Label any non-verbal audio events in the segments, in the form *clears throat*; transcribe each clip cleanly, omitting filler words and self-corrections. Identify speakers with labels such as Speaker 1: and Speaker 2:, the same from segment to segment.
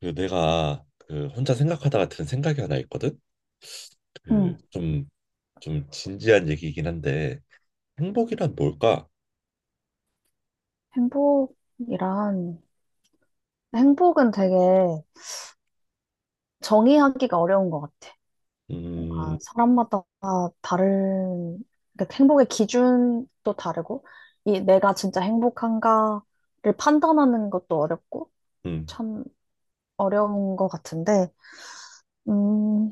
Speaker 1: 그 내가 그 혼자 생각하다가 든 생각이 하나 있거든. 그
Speaker 2: 음,
Speaker 1: 좀 진지한 얘기이긴 한데 행복이란 뭘까?
Speaker 2: 행복이란, 행복은 되게 정의하기가 어려운 것 같아.
Speaker 1: 음,
Speaker 2: 뭔가 사람마다 다른, 그러니까 행복의 기준도 다르고, 이 내가 진짜 행복한가를 판단하는 것도 어렵고,
Speaker 1: 음,
Speaker 2: 참 어려운 것 같은데, 음,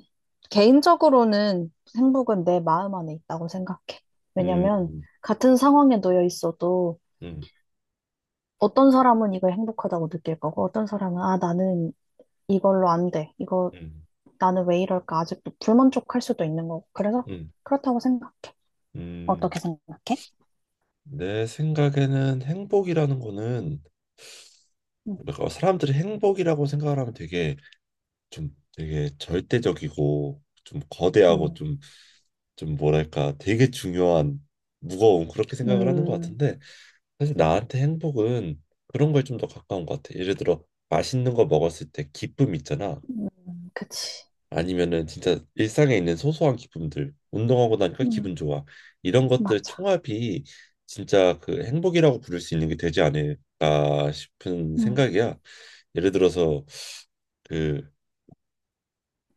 Speaker 2: 개인적으로는 행복은 내 마음 안에 있다고 생각해. 왜냐면,
Speaker 1: 음,
Speaker 2: 같은 상황에 놓여 있어도
Speaker 1: 음,
Speaker 2: 어떤 사람은 이걸 행복하다고 느낄 거고, 어떤 사람은, 아, 나는 이걸로 안 돼. 이거
Speaker 1: 음,
Speaker 2: 나는 왜 이럴까? 아직도 불만족할 수도 있는 거고. 그래서
Speaker 1: 음,
Speaker 2: 그렇다고 생각.
Speaker 1: 음.
Speaker 2: 어떻게 생각해?
Speaker 1: 내 생각에는 행복이라는 거는
Speaker 2: 음.
Speaker 1: 뭔가 사람들이 행복이라고 생각을 하면 되게 좀 되게 절대적이고 좀 거대하고
Speaker 2: 음.
Speaker 1: 좀 뭐랄까 되게 중요한 무거운 그렇게 생각을 하는 것
Speaker 2: 음.
Speaker 1: 같은데 사실 나한테 행복은 그런 걸 좀 더 가까운 것 같아. 예를 들어 맛있는 거 먹었을 때 기쁨 있잖아.
Speaker 2: 음. 그치.
Speaker 1: 아니면은 진짜 일상에 있는 소소한 기쁨들, 운동하고 나니까 기분
Speaker 2: 음.
Speaker 1: 좋아. 이런 것들
Speaker 2: 맞아.
Speaker 1: 총합이 진짜 그 행복이라고 부를 수 있는 게 되지 않을까 싶은
Speaker 2: 음.
Speaker 1: 생각이야. 예를 들어서 그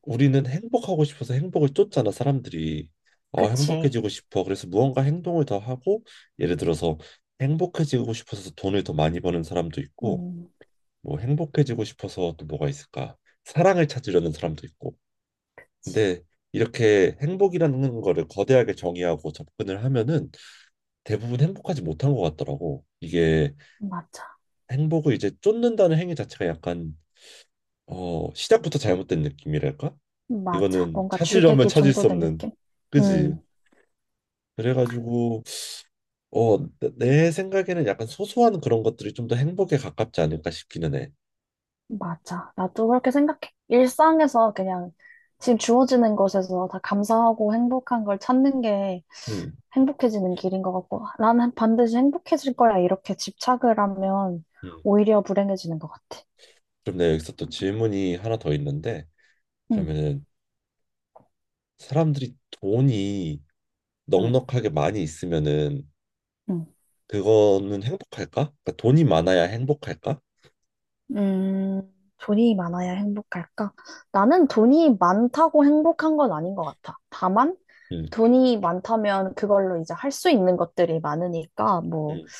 Speaker 1: 우리는 행복하고 싶어서 행복을 쫓잖아, 사람들이. 어,
Speaker 2: 그치.
Speaker 1: 행복해지고 싶어. 그래서 무언가 행동을 더 하고 예를 들어서 행복해지고 싶어서 돈을 더 많이 버는 사람도 있고
Speaker 2: 음.
Speaker 1: 뭐 행복해지고 싶어서 또 뭐가 있을까? 사랑을 찾으려는 사람도 있고.
Speaker 2: 그치.
Speaker 1: 근데 이렇게 행복이라는 거를 거대하게 정의하고 접근을 하면은 대부분 행복하지 못한 것 같더라고. 이게
Speaker 2: 맞아.
Speaker 1: 행복을 이제 쫓는다는 행위 자체가 약간 어, 시작부터 잘못된 느낌이랄까?
Speaker 2: 맞아.
Speaker 1: 이거는
Speaker 2: 뭔가
Speaker 1: 찾으려면
Speaker 2: 주객이
Speaker 1: 찾을 수
Speaker 2: 전도된
Speaker 1: 없는,
Speaker 2: 느낌?
Speaker 1: 그지?
Speaker 2: 음.
Speaker 1: 그래가지고 어, 내, 생각에는 약간 소소한 그런 것들이 좀 더 행복에 가깝지 않을까 싶기는 해.
Speaker 2: 맞아. 나도 그렇게 생각해. 일상에서 그냥 지금 주어지는 것에서 다 감사하고 행복한 걸 찾는 게
Speaker 1: 음,
Speaker 2: 행복해지는 길인 것 같고, 나는 반드시 행복해질 거야. 이렇게 집착을 하면
Speaker 1: 음.
Speaker 2: 오히려 불행해지는 것 같아.
Speaker 1: 그럼 내가 여기서 또 질문이 하나 더 있는데
Speaker 2: 응.
Speaker 1: 그러면은 사람들이 돈이
Speaker 2: 응.
Speaker 1: 넉넉하게 많이 있으면은
Speaker 2: 응.
Speaker 1: 그거는 행복할까? 그러니까 돈이 많아야 행복할까?
Speaker 2: 음, 돈이 많아야 행복할까? 나는 돈이 많다고 행복한 건 아닌 것 같아. 다만,
Speaker 1: 음,
Speaker 2: 돈이 많다면 그걸로 이제 할 수 있는 것들이 많으니까, 뭐,
Speaker 1: 음,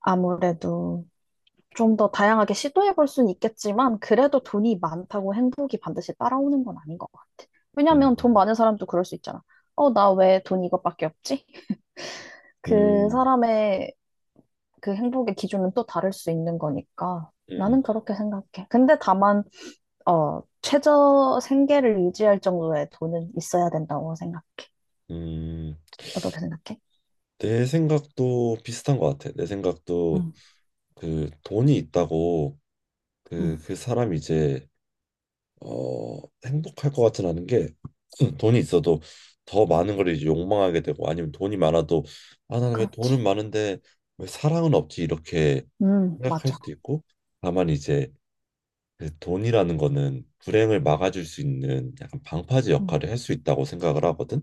Speaker 2: 아무래도 좀 더 다양하게 시도해 볼 수는 있겠지만, 그래도 돈이 많다고 행복이 반드시 따라오는 건 아닌 것 같아. 왜냐면 돈
Speaker 1: 음,
Speaker 2: 많은 사람도 그럴 수 있잖아. 어, 나 왜 돈 이것밖에 없지? 그
Speaker 1: 음,
Speaker 2: 사람의 그 행복의 기준은 또 다를 수 있는 거니까.
Speaker 1: 음,
Speaker 2: 나는 그렇게 생각해. 근데 다만, 어, 최저 생계를 유지할 정도의 돈은 있어야 된다고 생각해.
Speaker 1: 음.
Speaker 2: 어떻게 생각해?
Speaker 1: 내 생각도 비슷한 것 같아. 내 생각도
Speaker 2: 응.
Speaker 1: 그 돈이 있다고
Speaker 2: 응.
Speaker 1: 그, 그 사람이 이제 어, 행복할 것 같진 않은 게 *clears throat* 돈이 있어도 더 많은 걸 이제 욕망하게 되고 아니면 돈이 많아도 아 나는 왜 돈은
Speaker 2: 그렇지.
Speaker 1: 많은데 왜 사랑은 없지 이렇게
Speaker 2: 응,
Speaker 1: 생각할
Speaker 2: 맞아.
Speaker 1: 수도 있고 다만 이제 그 돈이라는 거는 불행을 막아줄 수 있는 약간 방파제
Speaker 2: 응.
Speaker 1: 역할을 할 수 있다고 생각을 하거든.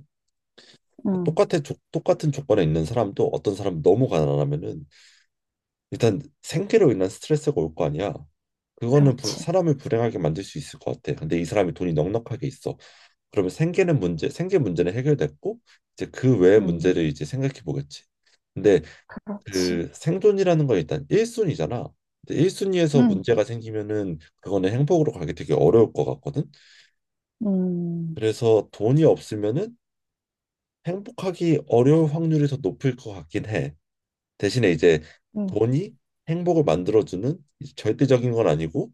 Speaker 2: 응.
Speaker 1: 똑같은 조건에 있는 사람도 어떤 사람 너무 가난하면은 일단 생계로 인한 스트레스가 올 거 아니야. 그거는
Speaker 2: 그렇지.
Speaker 1: 사람을 불행하게 만들 수 있을 것 같아. 근데 이 사람이 돈이 넉넉하게 있어. 그러면 생계는 문제, 생계 문제는 해결됐고 이제 그 외의
Speaker 2: 응,
Speaker 1: 문제를 이제 생각해 보겠지. 근데
Speaker 2: 그렇지.
Speaker 1: 그 생존이라는 건 일단 1순위잖아. 일 1순위에서
Speaker 2: 응.
Speaker 1: 문제가 생기면은 그거는 행복으로 가기 되게 어려울 것 같거든.
Speaker 2: 음.
Speaker 1: 그래서 돈이
Speaker 2: 맞아.
Speaker 1: 없으면은 행복하기 어려울 확률이 더 높을 것 같긴 해. 대신에 이제
Speaker 2: 음.
Speaker 1: 돈이 행복을 만들어주는 이제 절대적인 건 아니고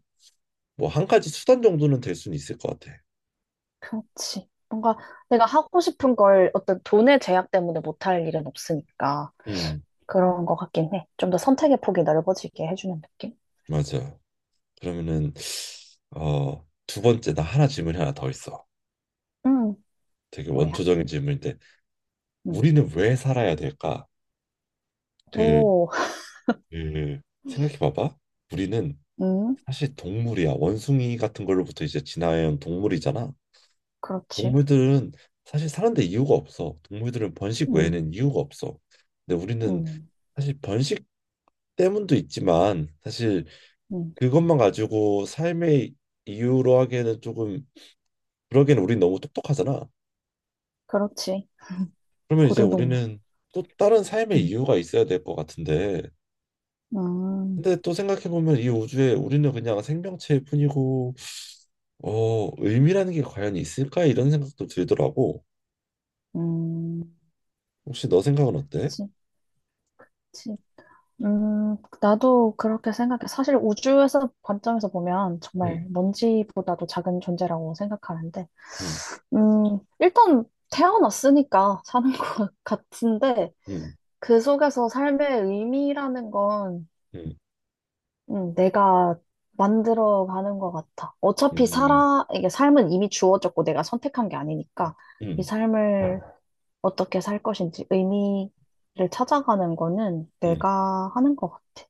Speaker 1: 뭐 한 가지 수단 정도는 될 수는 있을 것 같아.
Speaker 2: 그렇지. 뭔가 내가 하고 싶은 걸 어떤 돈의 제약 때문에 못할 일은 없으니까
Speaker 1: 음,
Speaker 2: 그런 것 같긴 해. 좀 더 선택의 폭이 넓어지게 해주는 느낌?
Speaker 1: 맞아. 그러면은 어, 두 번째 나 하나 질문이 하나 더 있어.
Speaker 2: 음,
Speaker 1: 되게
Speaker 2: 뭐야?
Speaker 1: 원초적인 질문인데
Speaker 2: 음.
Speaker 1: 우리는 왜 살아야 될까? 그
Speaker 2: 오.
Speaker 1: 그 생각해봐봐. 우리는
Speaker 2: 음.
Speaker 1: 사실 동물이야. 원숭이 같은 걸로부터 이제 진화해온 동물이잖아.
Speaker 2: 그렇지.
Speaker 1: 동물들은 사실 사는데 이유가 없어. 동물들은 번식
Speaker 2: 음.
Speaker 1: 외에는 이유가 없어. 근데 우리는
Speaker 2: 음.
Speaker 1: 사실 번식 때문도 있지만 사실
Speaker 2: 음.
Speaker 1: 그것만 가지고 삶의 이유로 하기에는 조금 그러기에는 우린 너무 똑똑하잖아.
Speaker 2: 그렇지.
Speaker 1: 그러면 이제
Speaker 2: 고등동물.
Speaker 1: 우리는 또 다른 삶의
Speaker 2: 음.
Speaker 1: 이유가 있어야 될 것 같은데.
Speaker 2: 음.
Speaker 1: 근데 또 생각해보면 이 우주에 우리는 그냥 생명체일 뿐이고 어, 의미라는 게 과연 있을까? 이런 생각도 들더라고.
Speaker 2: 음.
Speaker 1: 혹시 너 생각은 어때?
Speaker 2: 그치. 그치. 나도 그렇게 생각해. 사실 우주에서 관점에서 보면 정말
Speaker 1: 음,
Speaker 2: 먼지보다도 작은 존재라고 생각하는데
Speaker 1: 음,
Speaker 2: 일단 태어났으니까 사는 *laughs* 것 같은데,
Speaker 1: 음,
Speaker 2: 그 속에서 삶의 의미라는 건,
Speaker 1: 음,
Speaker 2: 내가 만들어 가는 것 같아. 어차피
Speaker 1: 음,
Speaker 2: 살아, 이게 삶은 이미 주어졌고 내가 선택한 게 아니니까, 이
Speaker 1: 음,
Speaker 2: 삶을 어떻게 살 것인지 의미를 찾아가는 거는
Speaker 1: 음,
Speaker 2: 내가 하는 것 같아.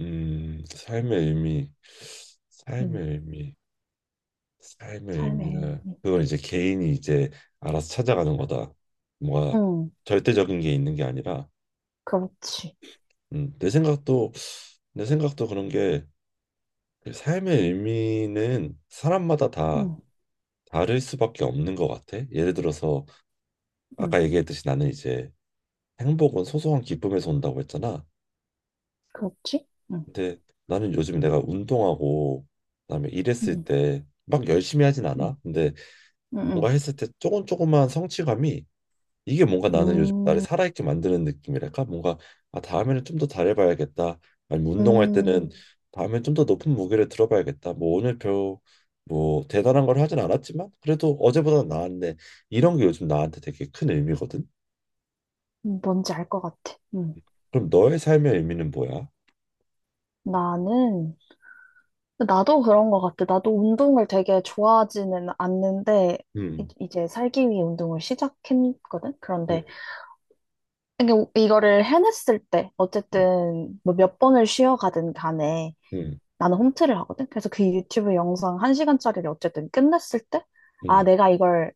Speaker 1: 삶의 의미,
Speaker 2: 음.
Speaker 1: 삶의 의미, 삶의
Speaker 2: 삶의
Speaker 1: 의미를.
Speaker 2: 의미.
Speaker 1: 그건 이제 개인이 이제 알아서 찾아가는 거다. 뭐가
Speaker 2: 음.
Speaker 1: 절대적인 게 있는 게 아니라,
Speaker 2: 그렇지.
Speaker 1: 음, 내 생각도 내 생각도 그런 게그 삶의 의미는 사람마다 다
Speaker 2: 음.
Speaker 1: 다를 수밖에 없는 것 같아. 예를 들어서
Speaker 2: 음.
Speaker 1: 아까 얘기했듯이 나는 이제 행복은 소소한 기쁨에서 온다고 했잖아.
Speaker 2: 그렇지. 음.
Speaker 1: 근데 나는 요즘 내가 운동하고 그다음에 일했을
Speaker 2: 음.
Speaker 1: 때 막 열심히 하진
Speaker 2: 음.
Speaker 1: 않아. 근데 뭔가
Speaker 2: 음.
Speaker 1: 했을 때 조금 조금만 성취감이 이게 뭔가 나는 요즘 나를
Speaker 2: 음. 음.
Speaker 1: 살아있게 만드는 느낌이랄까? 뭔가 아 다음에는 좀 더 잘해봐야겠다. 아니면 운동할 때는
Speaker 2: 음.
Speaker 1: 다음에 좀 더 높은 무게를 들어봐야겠다. 뭐 오늘 별 뭐 대단한 걸 하진 않았지만 그래도 어제보다 나았네. 이런 게 요즘 나한테 되게 큰 의미거든.
Speaker 2: 뭔지 알 것 같아. 음.
Speaker 1: 그럼 너의 삶의 의미는 뭐야?
Speaker 2: 나는, 나도 그런 것 같아. 나도 운동을 되게 좋아하지는 않는데,
Speaker 1: 음,
Speaker 2: 이제 살기 위해 운동을 시작했거든?
Speaker 1: 음,
Speaker 2: 그런데, 이게 이거를 해냈을 때,
Speaker 1: 음,
Speaker 2: 어쨌든, 뭐 몇 번을 쉬어가든 간에,
Speaker 1: 음,
Speaker 2: 나는 홈트를 하거든? 그래서 그 유튜브 영상 한시간짜리를 어쨌든 끝냈을 때, 아,
Speaker 1: 음,
Speaker 2: 내가 이걸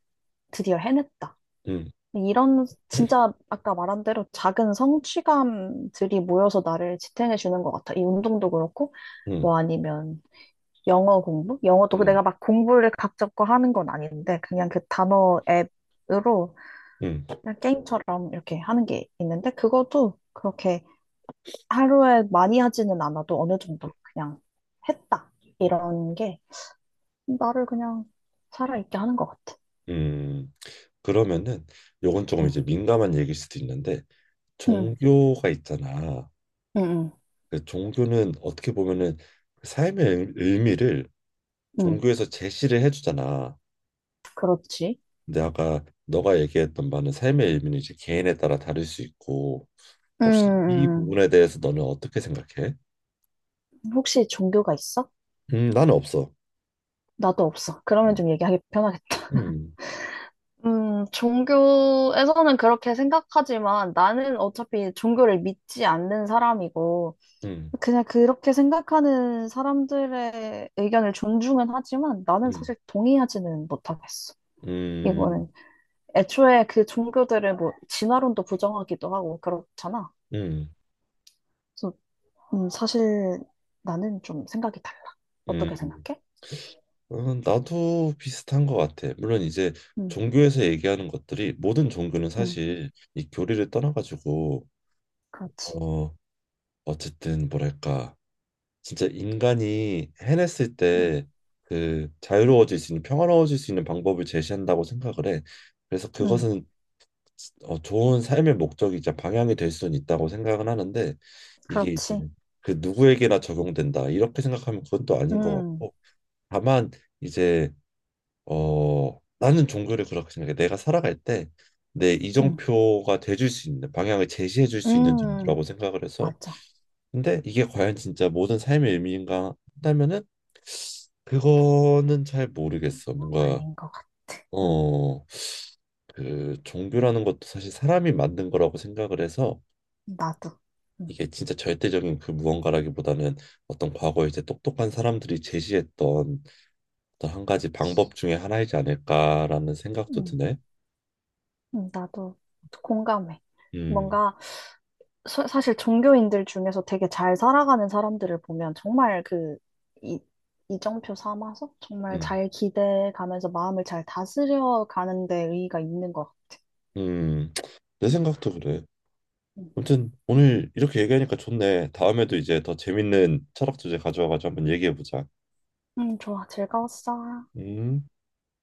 Speaker 2: 드디어 해냈다.
Speaker 1: 음,
Speaker 2: 이런 진짜 아까 말한 대로 작은 성취감들이 모여서 나를 지탱해 주는 것 같아. 이 운동도 그렇고
Speaker 1: 음,
Speaker 2: 뭐 아니면 영어 공부?
Speaker 1: 음,
Speaker 2: 영어도 그
Speaker 1: 음.
Speaker 2: 내가 막 공부를 각 잡고 하는 건 아닌데 그냥 그 단어 앱으로
Speaker 1: 음, 음,
Speaker 2: 그냥 게임처럼 이렇게 하는 게 있는데 그것도 그렇게 하루에 많이 하지는 않아도 어느 정도 그냥 했다. 이런 게 나를 그냥 살아있게 하는 것 같아.
Speaker 1: 음. 그러면은 요건 조금
Speaker 2: 응.
Speaker 1: 이제 민감한 얘기일 수도 있는데
Speaker 2: 응.
Speaker 1: 종교가 있잖아.
Speaker 2: 응. 응.
Speaker 1: 그 종교는 어떻게 보면은 그 삶의 의- 의미를
Speaker 2: 응.
Speaker 1: 종교에서 제시를 해주잖아.
Speaker 2: 그렇지.
Speaker 1: 근데 아까 너가 얘기했던 바는 삶의 의미는 이제 개인에 따라 다를 수 있고
Speaker 2: 응.
Speaker 1: 혹시 이
Speaker 2: 음. 음.
Speaker 1: 부분에 대해서 너는 어떻게 생각해?
Speaker 2: 혹시 종교가 있어?
Speaker 1: 나는 없어.
Speaker 2: 나도 없어. 그러면
Speaker 1: 음,
Speaker 2: 좀 얘기하기 편하겠다. *laughs*
Speaker 1: 음,
Speaker 2: 종교에서는 그렇게 생각하지만 나는 어차피 종교를 믿지 않는 사람이고,
Speaker 1: 음,
Speaker 2: 그냥 그렇게 생각하는 사람들의 의견을 존중은 하지만 나는
Speaker 1: 음,
Speaker 2: 사실 동의하지는 못하겠어. 이거는
Speaker 1: 음,
Speaker 2: 애초에 그 종교들을 뭐 진화론도 부정하기도 하고 그렇잖아.
Speaker 1: 음.
Speaker 2: 그래서 사실 나는 좀 생각이 달라. 어떻게
Speaker 1: 음,
Speaker 2: 생각해?
Speaker 1: 어, 나도 비슷한 것 같아. 물론 이제
Speaker 2: 음.
Speaker 1: 종교에서 얘기하는 것들이 모든 종교는
Speaker 2: 음.
Speaker 1: 사실 이 교리를 떠나가지고
Speaker 2: 그렇지.
Speaker 1: 어 어쨌든 뭐랄까 진짜 인간이 해냈을
Speaker 2: 음.
Speaker 1: 때 그 자유로워질 수 있는 평화로워질 수 있는 방법을 제시한다고 생각을 해. 그래서
Speaker 2: 음.
Speaker 1: 그것은 어, 좋은 삶의 목적이자 방향이 될 수는 있다고 생각은 하는데 이게 이제
Speaker 2: 그렇지.
Speaker 1: 그 누구에게나 적용된다 이렇게 생각하면 그건 또 아닌 것
Speaker 2: 음.
Speaker 1: 같고 다만 이제 어, 나는 종교를 그렇게 생각해. 내가 살아갈 때 내
Speaker 2: 음.
Speaker 1: 이정표가 돼줄 수 있는 방향을 제시해 줄 수 있는
Speaker 2: 음.
Speaker 1: 정도라고 생각을 해서.
Speaker 2: 맞아.
Speaker 1: 근데 이게 과연 진짜 모든 삶의 의미인가 한다면은 그거는 잘 모르겠어. 뭔가
Speaker 2: 아닌 것 같아. 음.
Speaker 1: 어, 그 종교라는 것도 사실 사람이 만든 거라고 생각을 해서
Speaker 2: 나도. 음.
Speaker 1: 이게 진짜 절대적인 그 무언가라기보다는 어떤 과거에 이제 똑똑한 사람들이 제시했던 어떤 한 가지 방법 중에 하나이지 않을까라는 생각도
Speaker 2: 음.
Speaker 1: 드네.
Speaker 2: 음. 나도 공감해.
Speaker 1: 음.
Speaker 2: 뭔가, 사실 종교인들 중에서 되게 잘 살아가는 사람들을 보면 정말 그, 이, 이정표 삼아서 정말
Speaker 1: 음,
Speaker 2: 잘 기대가면서 마음을 잘 다스려 가는 데 의의가 있는 것 같아.
Speaker 1: 음, 내
Speaker 2: 음.
Speaker 1: 생각도 그래.
Speaker 2: 음.
Speaker 1: 아무튼 오늘 이렇게 얘기하니까 좋네. 다음에도 이제 더 재밌는 철학 주제 가져와가지고 한번 얘기해보자.
Speaker 2: 음. 좋아. 즐거웠어.
Speaker 1: 음.